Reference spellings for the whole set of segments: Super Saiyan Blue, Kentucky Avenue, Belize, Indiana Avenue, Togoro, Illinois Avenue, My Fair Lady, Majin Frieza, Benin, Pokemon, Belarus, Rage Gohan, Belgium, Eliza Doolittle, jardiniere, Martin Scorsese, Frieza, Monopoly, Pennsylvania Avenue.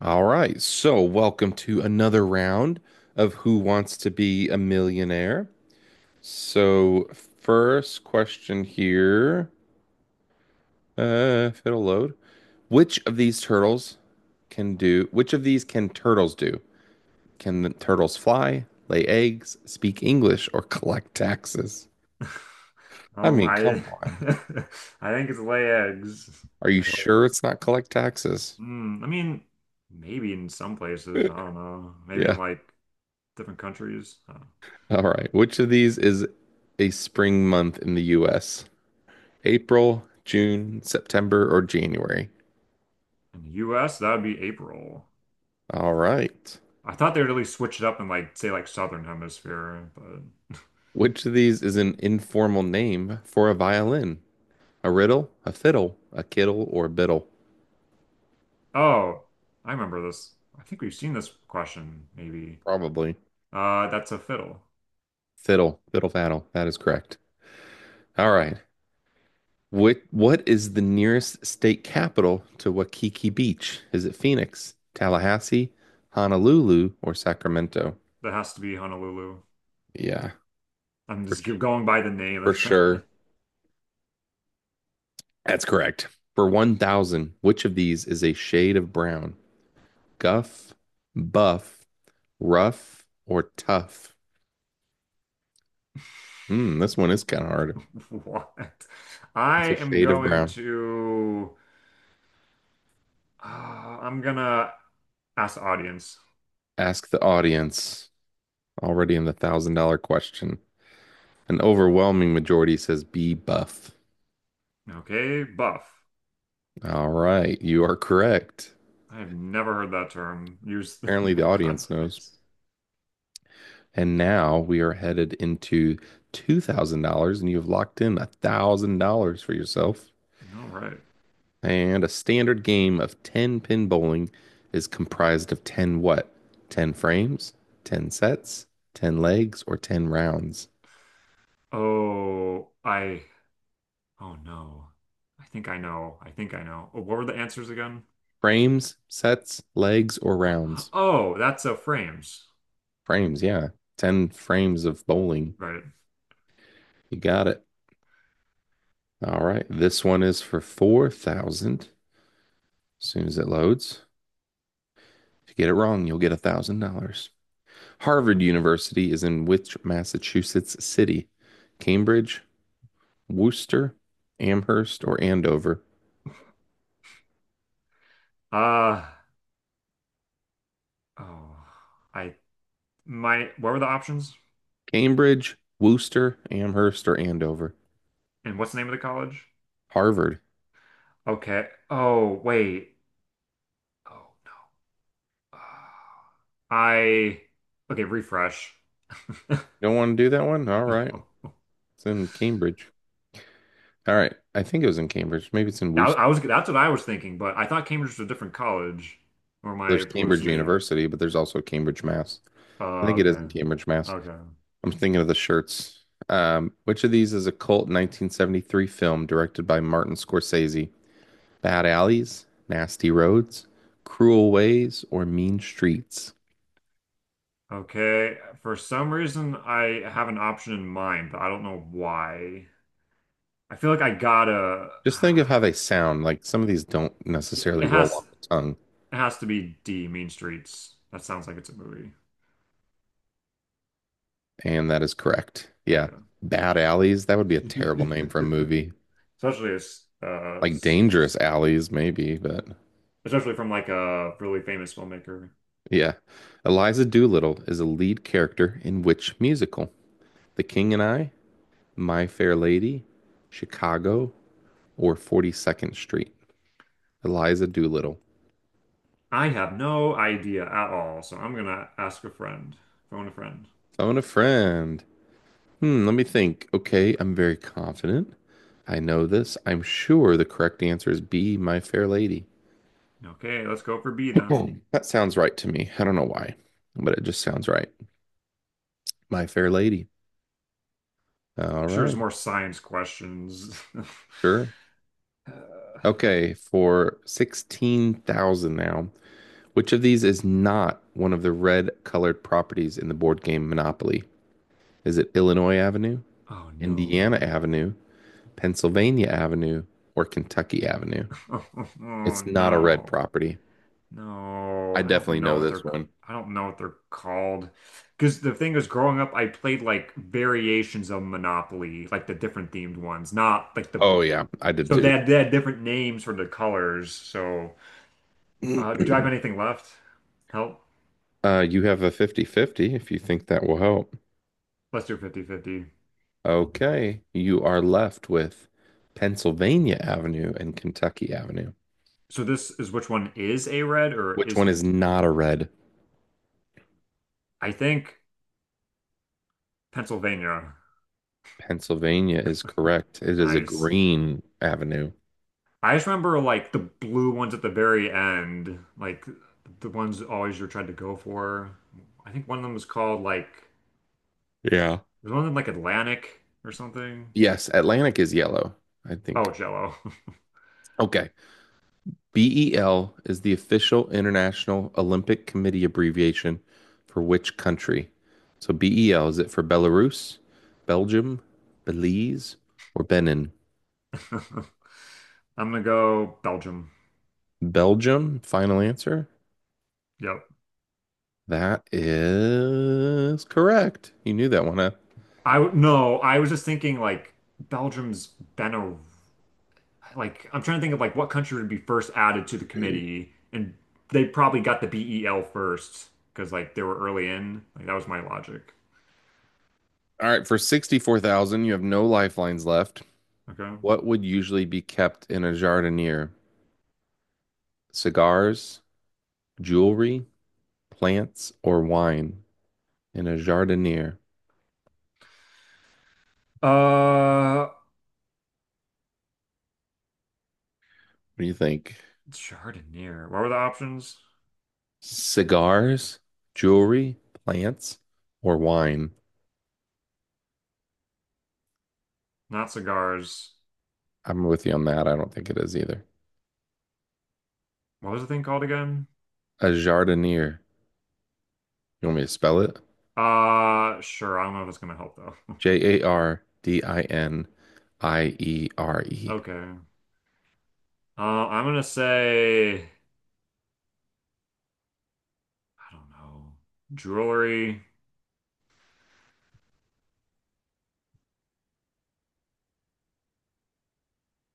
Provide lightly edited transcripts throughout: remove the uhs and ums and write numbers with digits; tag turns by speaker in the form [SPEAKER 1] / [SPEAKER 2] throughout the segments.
[SPEAKER 1] All right. So, welcome to another round of Who Wants to Be a Millionaire? So, first question here, if it'll load, which of these turtles which of these can turtles do? Can the turtles fly, lay eggs, speak English, or collect taxes? I mean,
[SPEAKER 2] I
[SPEAKER 1] come on.
[SPEAKER 2] I think it's lay eggs.
[SPEAKER 1] Are you
[SPEAKER 2] I hope.
[SPEAKER 1] sure it's not collect taxes?
[SPEAKER 2] Mm, I mean, maybe in some places, I don't know. Maybe in
[SPEAKER 1] Yeah.
[SPEAKER 2] like different countries.
[SPEAKER 1] All right. Which of these is a spring month in the US? April, June, September, or January.
[SPEAKER 2] In the US, that would be April.
[SPEAKER 1] All right.
[SPEAKER 2] I thought they'd really switch it up in like say like Southern Hemisphere, but
[SPEAKER 1] Which of these is an informal name for a violin? A riddle, a fiddle, a kittle, or a biddle?
[SPEAKER 2] oh, I remember this. I think we've seen this question maybe.
[SPEAKER 1] Probably.
[SPEAKER 2] That's a fiddle.
[SPEAKER 1] Fiddle, fiddle, faddle. That is correct. All right. What is the nearest state capital to Waikiki Beach? Is it Phoenix, Tallahassee, Honolulu, or Sacramento?
[SPEAKER 2] That has to be Honolulu.
[SPEAKER 1] Yeah,
[SPEAKER 2] I'm
[SPEAKER 1] for,
[SPEAKER 2] just keep going by the name.
[SPEAKER 1] for sure. That's correct. For 1,000, which of these is a shade of brown? Guff, buff, rough, or tough? Hmm, this one is kind of hard.
[SPEAKER 2] What? I
[SPEAKER 1] It's a
[SPEAKER 2] am
[SPEAKER 1] shade of
[SPEAKER 2] going
[SPEAKER 1] brown.
[SPEAKER 2] to. I'm gonna ask the audience.
[SPEAKER 1] Ask the audience. Already in the $1,000 question. An overwhelming majority says be buff.
[SPEAKER 2] Okay, buff.
[SPEAKER 1] All right, you are correct.
[SPEAKER 2] I have never heard that term used in
[SPEAKER 1] Apparently, the
[SPEAKER 2] that
[SPEAKER 1] audience knows.
[SPEAKER 2] context.
[SPEAKER 1] And now we are headed into $2,000, and you have locked in $1,000 for yourself.
[SPEAKER 2] All right.
[SPEAKER 1] And a standard game of 10 pin bowling is comprised of 10 what? 10 frames, 10 sets, 10 legs, or 10 rounds?
[SPEAKER 2] Oh, I. Oh no. I think I know. I think I know. Oh, what were the answers again?
[SPEAKER 1] Frames, sets, legs, or rounds?
[SPEAKER 2] Oh, that's frames.
[SPEAKER 1] Frames, yeah. 10 frames of bowling.
[SPEAKER 2] Right.
[SPEAKER 1] You got it. All right. This one is for 4,000 as soon as it loads. If you get it wrong, you'll get $1,000.
[SPEAKER 2] Okay.
[SPEAKER 1] Harvard University is in which Massachusetts city? Cambridge, Worcester, Amherst, or Andover?
[SPEAKER 2] Uh. Oh. I. My. What were the options?
[SPEAKER 1] Cambridge, Worcester, Amherst, or Andover.
[SPEAKER 2] And what's the name of the college?
[SPEAKER 1] Harvard.
[SPEAKER 2] Okay. Oh, wait. Oh. I okay, refresh.
[SPEAKER 1] Don't want to do that one? All right.
[SPEAKER 2] No.
[SPEAKER 1] It's in Cambridge. All right. I think it was in Cambridge. Maybe it's in
[SPEAKER 2] I,
[SPEAKER 1] Worcester.
[SPEAKER 2] I was that's what I was thinking, but I thought Cambridge was a different college. Or am
[SPEAKER 1] There's
[SPEAKER 2] I
[SPEAKER 1] Cambridge
[SPEAKER 2] hallucinating?
[SPEAKER 1] University, but there's also Cambridge, Mass. I
[SPEAKER 2] Oh,
[SPEAKER 1] think it is
[SPEAKER 2] okay.
[SPEAKER 1] in Cambridge, Mass.
[SPEAKER 2] Okay.
[SPEAKER 1] I'm thinking of the shirts. Which of these is a cult 1973 film directed by Martin Scorsese? Bad Alleys, Nasty Roads, Cruel Ways, or Mean Streets?
[SPEAKER 2] Okay. For some reason I have an option in mind, but I don't know why. I feel like I gotta
[SPEAKER 1] Just think of how they sound. Like some of these don't
[SPEAKER 2] yeah,
[SPEAKER 1] necessarily roll off the tongue.
[SPEAKER 2] it has to be D, Mean Streets. That sounds like it's a movie.
[SPEAKER 1] And that is correct. Yeah. Bad Alleys, that would be a terrible
[SPEAKER 2] Okay.
[SPEAKER 1] name for a movie.
[SPEAKER 2] Especially as
[SPEAKER 1] Like Dangerous Alleys, maybe, but
[SPEAKER 2] especially from like a really famous filmmaker.
[SPEAKER 1] yeah. Eliza Doolittle is a lead character in which musical? The King and I, My Fair Lady, Chicago, or 42nd Street? Eliza Doolittle.
[SPEAKER 2] I have no idea at all, so I'm gonna ask a friend, phone a friend.
[SPEAKER 1] Phone a friend. Hmm, let me think. Okay, I'm very confident. I know this. I'm sure the correct answer is B, My Fair Lady.
[SPEAKER 2] Okay, let's go for B then.
[SPEAKER 1] That sounds right to me. I don't know why, but it just sounds right. My Fair Lady. All
[SPEAKER 2] I'm sure there's
[SPEAKER 1] right.
[SPEAKER 2] more science questions.
[SPEAKER 1] Sure.
[SPEAKER 2] Uh,
[SPEAKER 1] Okay, for 16,000 now. Which of these is not one of the red colored properties in the board game Monopoly? Is it Illinois Avenue,
[SPEAKER 2] oh
[SPEAKER 1] Indiana
[SPEAKER 2] no.
[SPEAKER 1] Avenue, Pennsylvania Avenue, or Kentucky Avenue?
[SPEAKER 2] Oh
[SPEAKER 1] It's not a red
[SPEAKER 2] no.
[SPEAKER 1] property. I
[SPEAKER 2] No, I
[SPEAKER 1] definitely
[SPEAKER 2] don't know
[SPEAKER 1] know
[SPEAKER 2] what
[SPEAKER 1] this
[SPEAKER 2] they're
[SPEAKER 1] one.
[SPEAKER 2] I don't know what they're called. Because the thing is, growing up, I played like variations of Monopoly, like the different themed ones, not like the
[SPEAKER 1] Oh, yeah, I did
[SPEAKER 2] so
[SPEAKER 1] too.
[SPEAKER 2] they had different names for the colors. So do I have anything left? Help.
[SPEAKER 1] You have a fifty-fifty if you think that will help.
[SPEAKER 2] Let's do 50-50.
[SPEAKER 1] Okay, you are left with Pennsylvania Avenue and Kentucky Avenue.
[SPEAKER 2] So this is which one is a red or
[SPEAKER 1] Which one is
[SPEAKER 2] isn't?
[SPEAKER 1] not a red?
[SPEAKER 2] I think Pennsylvania.
[SPEAKER 1] Pennsylvania is correct. It is a
[SPEAKER 2] Nice.
[SPEAKER 1] green avenue.
[SPEAKER 2] I just remember like the blue ones at the very end, like the ones always you're trying to go for. I think one of them was called like
[SPEAKER 1] Yeah.
[SPEAKER 2] was one of them like Atlantic or something.
[SPEAKER 1] Yes, Atlantic is yellow, I think.
[SPEAKER 2] Oh, Jello.
[SPEAKER 1] Okay. BEL is the official International Olympic Committee abbreviation for which country? So BEL, is it for Belarus, Belgium, Belize, or Benin?
[SPEAKER 2] I'm gonna go Belgium.
[SPEAKER 1] Belgium, final answer.
[SPEAKER 2] Yep.
[SPEAKER 1] That is correct. You knew that one, huh?
[SPEAKER 2] I w- no, I was just thinking like Belgium's been a. Like I'm trying to think of like what country would be first added to the committee, and they probably got the BEL first because like they were early in. Like that was my logic.
[SPEAKER 1] All right, for 64,000, you have no lifelines left.
[SPEAKER 2] Okay.
[SPEAKER 1] What would usually be kept in a jardiniere? Cigars, jewelry, plants, or wine in a jardiniere,
[SPEAKER 2] Uh,
[SPEAKER 1] what do you think?
[SPEAKER 2] Chardonnay. What were the options?
[SPEAKER 1] Cigars, jewelry, plants, or wine?
[SPEAKER 2] Not cigars.
[SPEAKER 1] I'm with you on that. I don't think it is either.
[SPEAKER 2] What was the thing called again?
[SPEAKER 1] A jardiniere. You want me to spell it?
[SPEAKER 2] Sure. I don't know if it's gonna help though.
[SPEAKER 1] jardiniere.
[SPEAKER 2] Okay. I'm gonna say I don't know. Jewelry.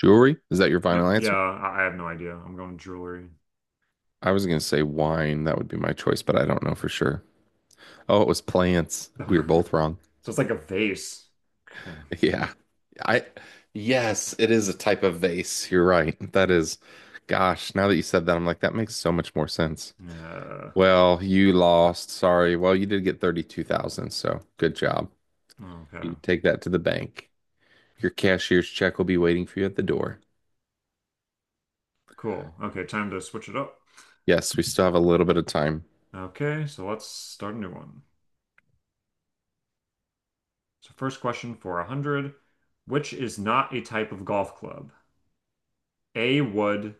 [SPEAKER 1] Jewelry? Is that your
[SPEAKER 2] Yeah,
[SPEAKER 1] final
[SPEAKER 2] yeah.
[SPEAKER 1] answer?
[SPEAKER 2] I have no idea. I'm going jewelry.
[SPEAKER 1] I was going to say wine. That would be my choice, but I don't know for sure. Oh, it was plants. We were both
[SPEAKER 2] So
[SPEAKER 1] wrong.
[SPEAKER 2] it's like a vase. Okay.
[SPEAKER 1] Yeah. I, yes, it is a type of vase. You're right. That is, gosh, now that you said that, I'm like, that makes so much more sense.
[SPEAKER 2] Yeah.
[SPEAKER 1] Well, you lost. Sorry. Well, you did get 32,000, so good job. You
[SPEAKER 2] Okay,
[SPEAKER 1] can take that to the bank. Your cashier's check will be waiting for you at the door.
[SPEAKER 2] cool. Okay, time to switch it up.
[SPEAKER 1] Yes, we still have a little bit of time.
[SPEAKER 2] Okay, so let's start a new one. So first question for 100. Which is not a type of golf club? A wood,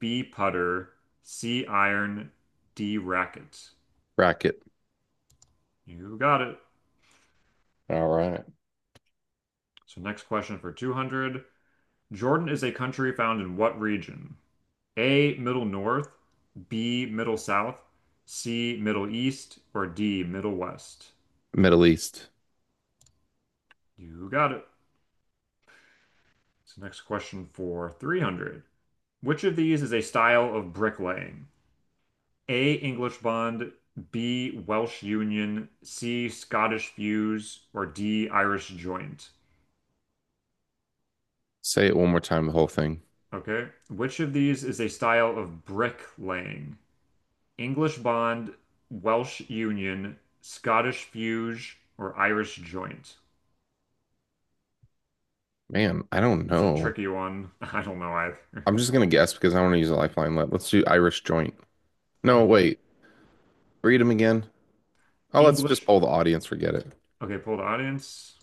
[SPEAKER 2] B putter, C iron, D racket.
[SPEAKER 1] Bracket.
[SPEAKER 2] You got it.
[SPEAKER 1] All right.
[SPEAKER 2] So next question for 200. Jordan is a country found in what region? A Middle North, B Middle South, C Middle East, or D Middle West?
[SPEAKER 1] Middle East.
[SPEAKER 2] You got it. So next question for 300. Which of these is a style of bricklaying? A. English bond, B. Welsh union, C. Scottish fuse, or D. Irish joint.
[SPEAKER 1] Say it one more time, the whole thing.
[SPEAKER 2] Okay. Which of these is a style of bricklaying? English bond, Welsh union, Scottish fuse, or Irish joint?
[SPEAKER 1] Man, I don't
[SPEAKER 2] It's a
[SPEAKER 1] know.
[SPEAKER 2] tricky one. I don't know either.
[SPEAKER 1] I'm just gonna guess because I want to use a lifeline. Let's do Irish joint. No, wait. Read them again. Oh, let's just
[SPEAKER 2] English.
[SPEAKER 1] poll the audience. Forget it.
[SPEAKER 2] Okay, poll the audience.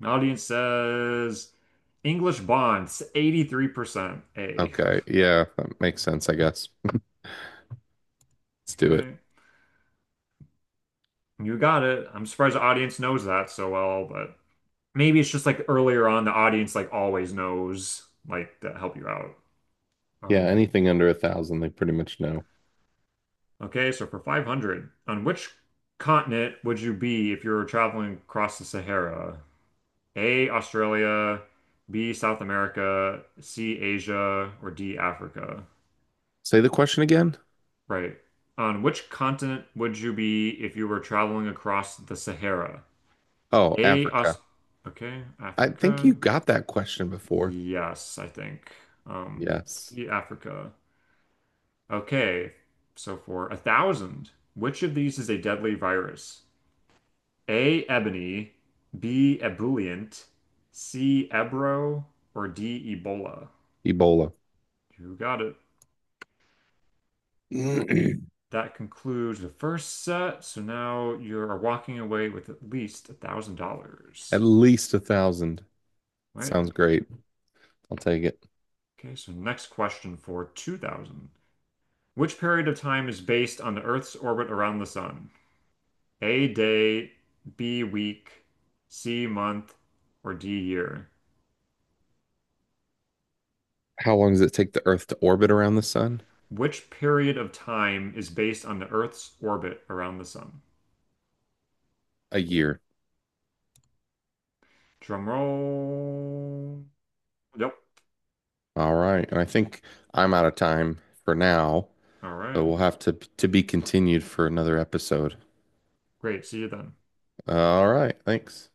[SPEAKER 2] The audience says English bonds, 83% A.
[SPEAKER 1] Okay. Yeah, that makes sense, I guess. Let's do it.
[SPEAKER 2] Okay. You got it. I'm surprised the audience knows that so well, but maybe it's just like earlier on, the audience like always knows like to help you out.
[SPEAKER 1] Yeah,
[SPEAKER 2] Um,
[SPEAKER 1] anything under 1,000, they pretty much know.
[SPEAKER 2] okay, so for 500, on which continent would you be if you were traveling across the Sahara? A, Australia, B, South America, C, Asia, or D, Africa?
[SPEAKER 1] Say the question again.
[SPEAKER 2] Right. On which continent would you be if you were traveling across the Sahara?
[SPEAKER 1] Oh,
[SPEAKER 2] A, Aus-
[SPEAKER 1] Africa.
[SPEAKER 2] okay,
[SPEAKER 1] I think you
[SPEAKER 2] Africa.
[SPEAKER 1] got that question before.
[SPEAKER 2] Yes, I think. Um,
[SPEAKER 1] Yes.
[SPEAKER 2] see Africa. Okay, so for 1,000, which of these is a deadly virus? A. Ebony, B. Ebullient, C. Ebro, or D. Ebola?
[SPEAKER 1] Ebola.
[SPEAKER 2] You got it. That concludes the first set. So now you are walking away with at least a thousand
[SPEAKER 1] At
[SPEAKER 2] dollars.
[SPEAKER 1] least 1,000.
[SPEAKER 2] Right?
[SPEAKER 1] Sounds great. I'll take it.
[SPEAKER 2] Okay, so next question for 2000. Which period of time is based on the Earth's orbit around the sun? A day, B week, C month, or D year?
[SPEAKER 1] How long does it take the Earth to orbit around the sun?
[SPEAKER 2] Which period of time is based on the Earth's orbit around the sun?
[SPEAKER 1] A year.
[SPEAKER 2] Drum roll. Yep.
[SPEAKER 1] All right. And I think I'm out of time for now,
[SPEAKER 2] All
[SPEAKER 1] so
[SPEAKER 2] right.
[SPEAKER 1] we'll have to be continued for another episode.
[SPEAKER 2] Great. See you then.
[SPEAKER 1] All right. Thanks.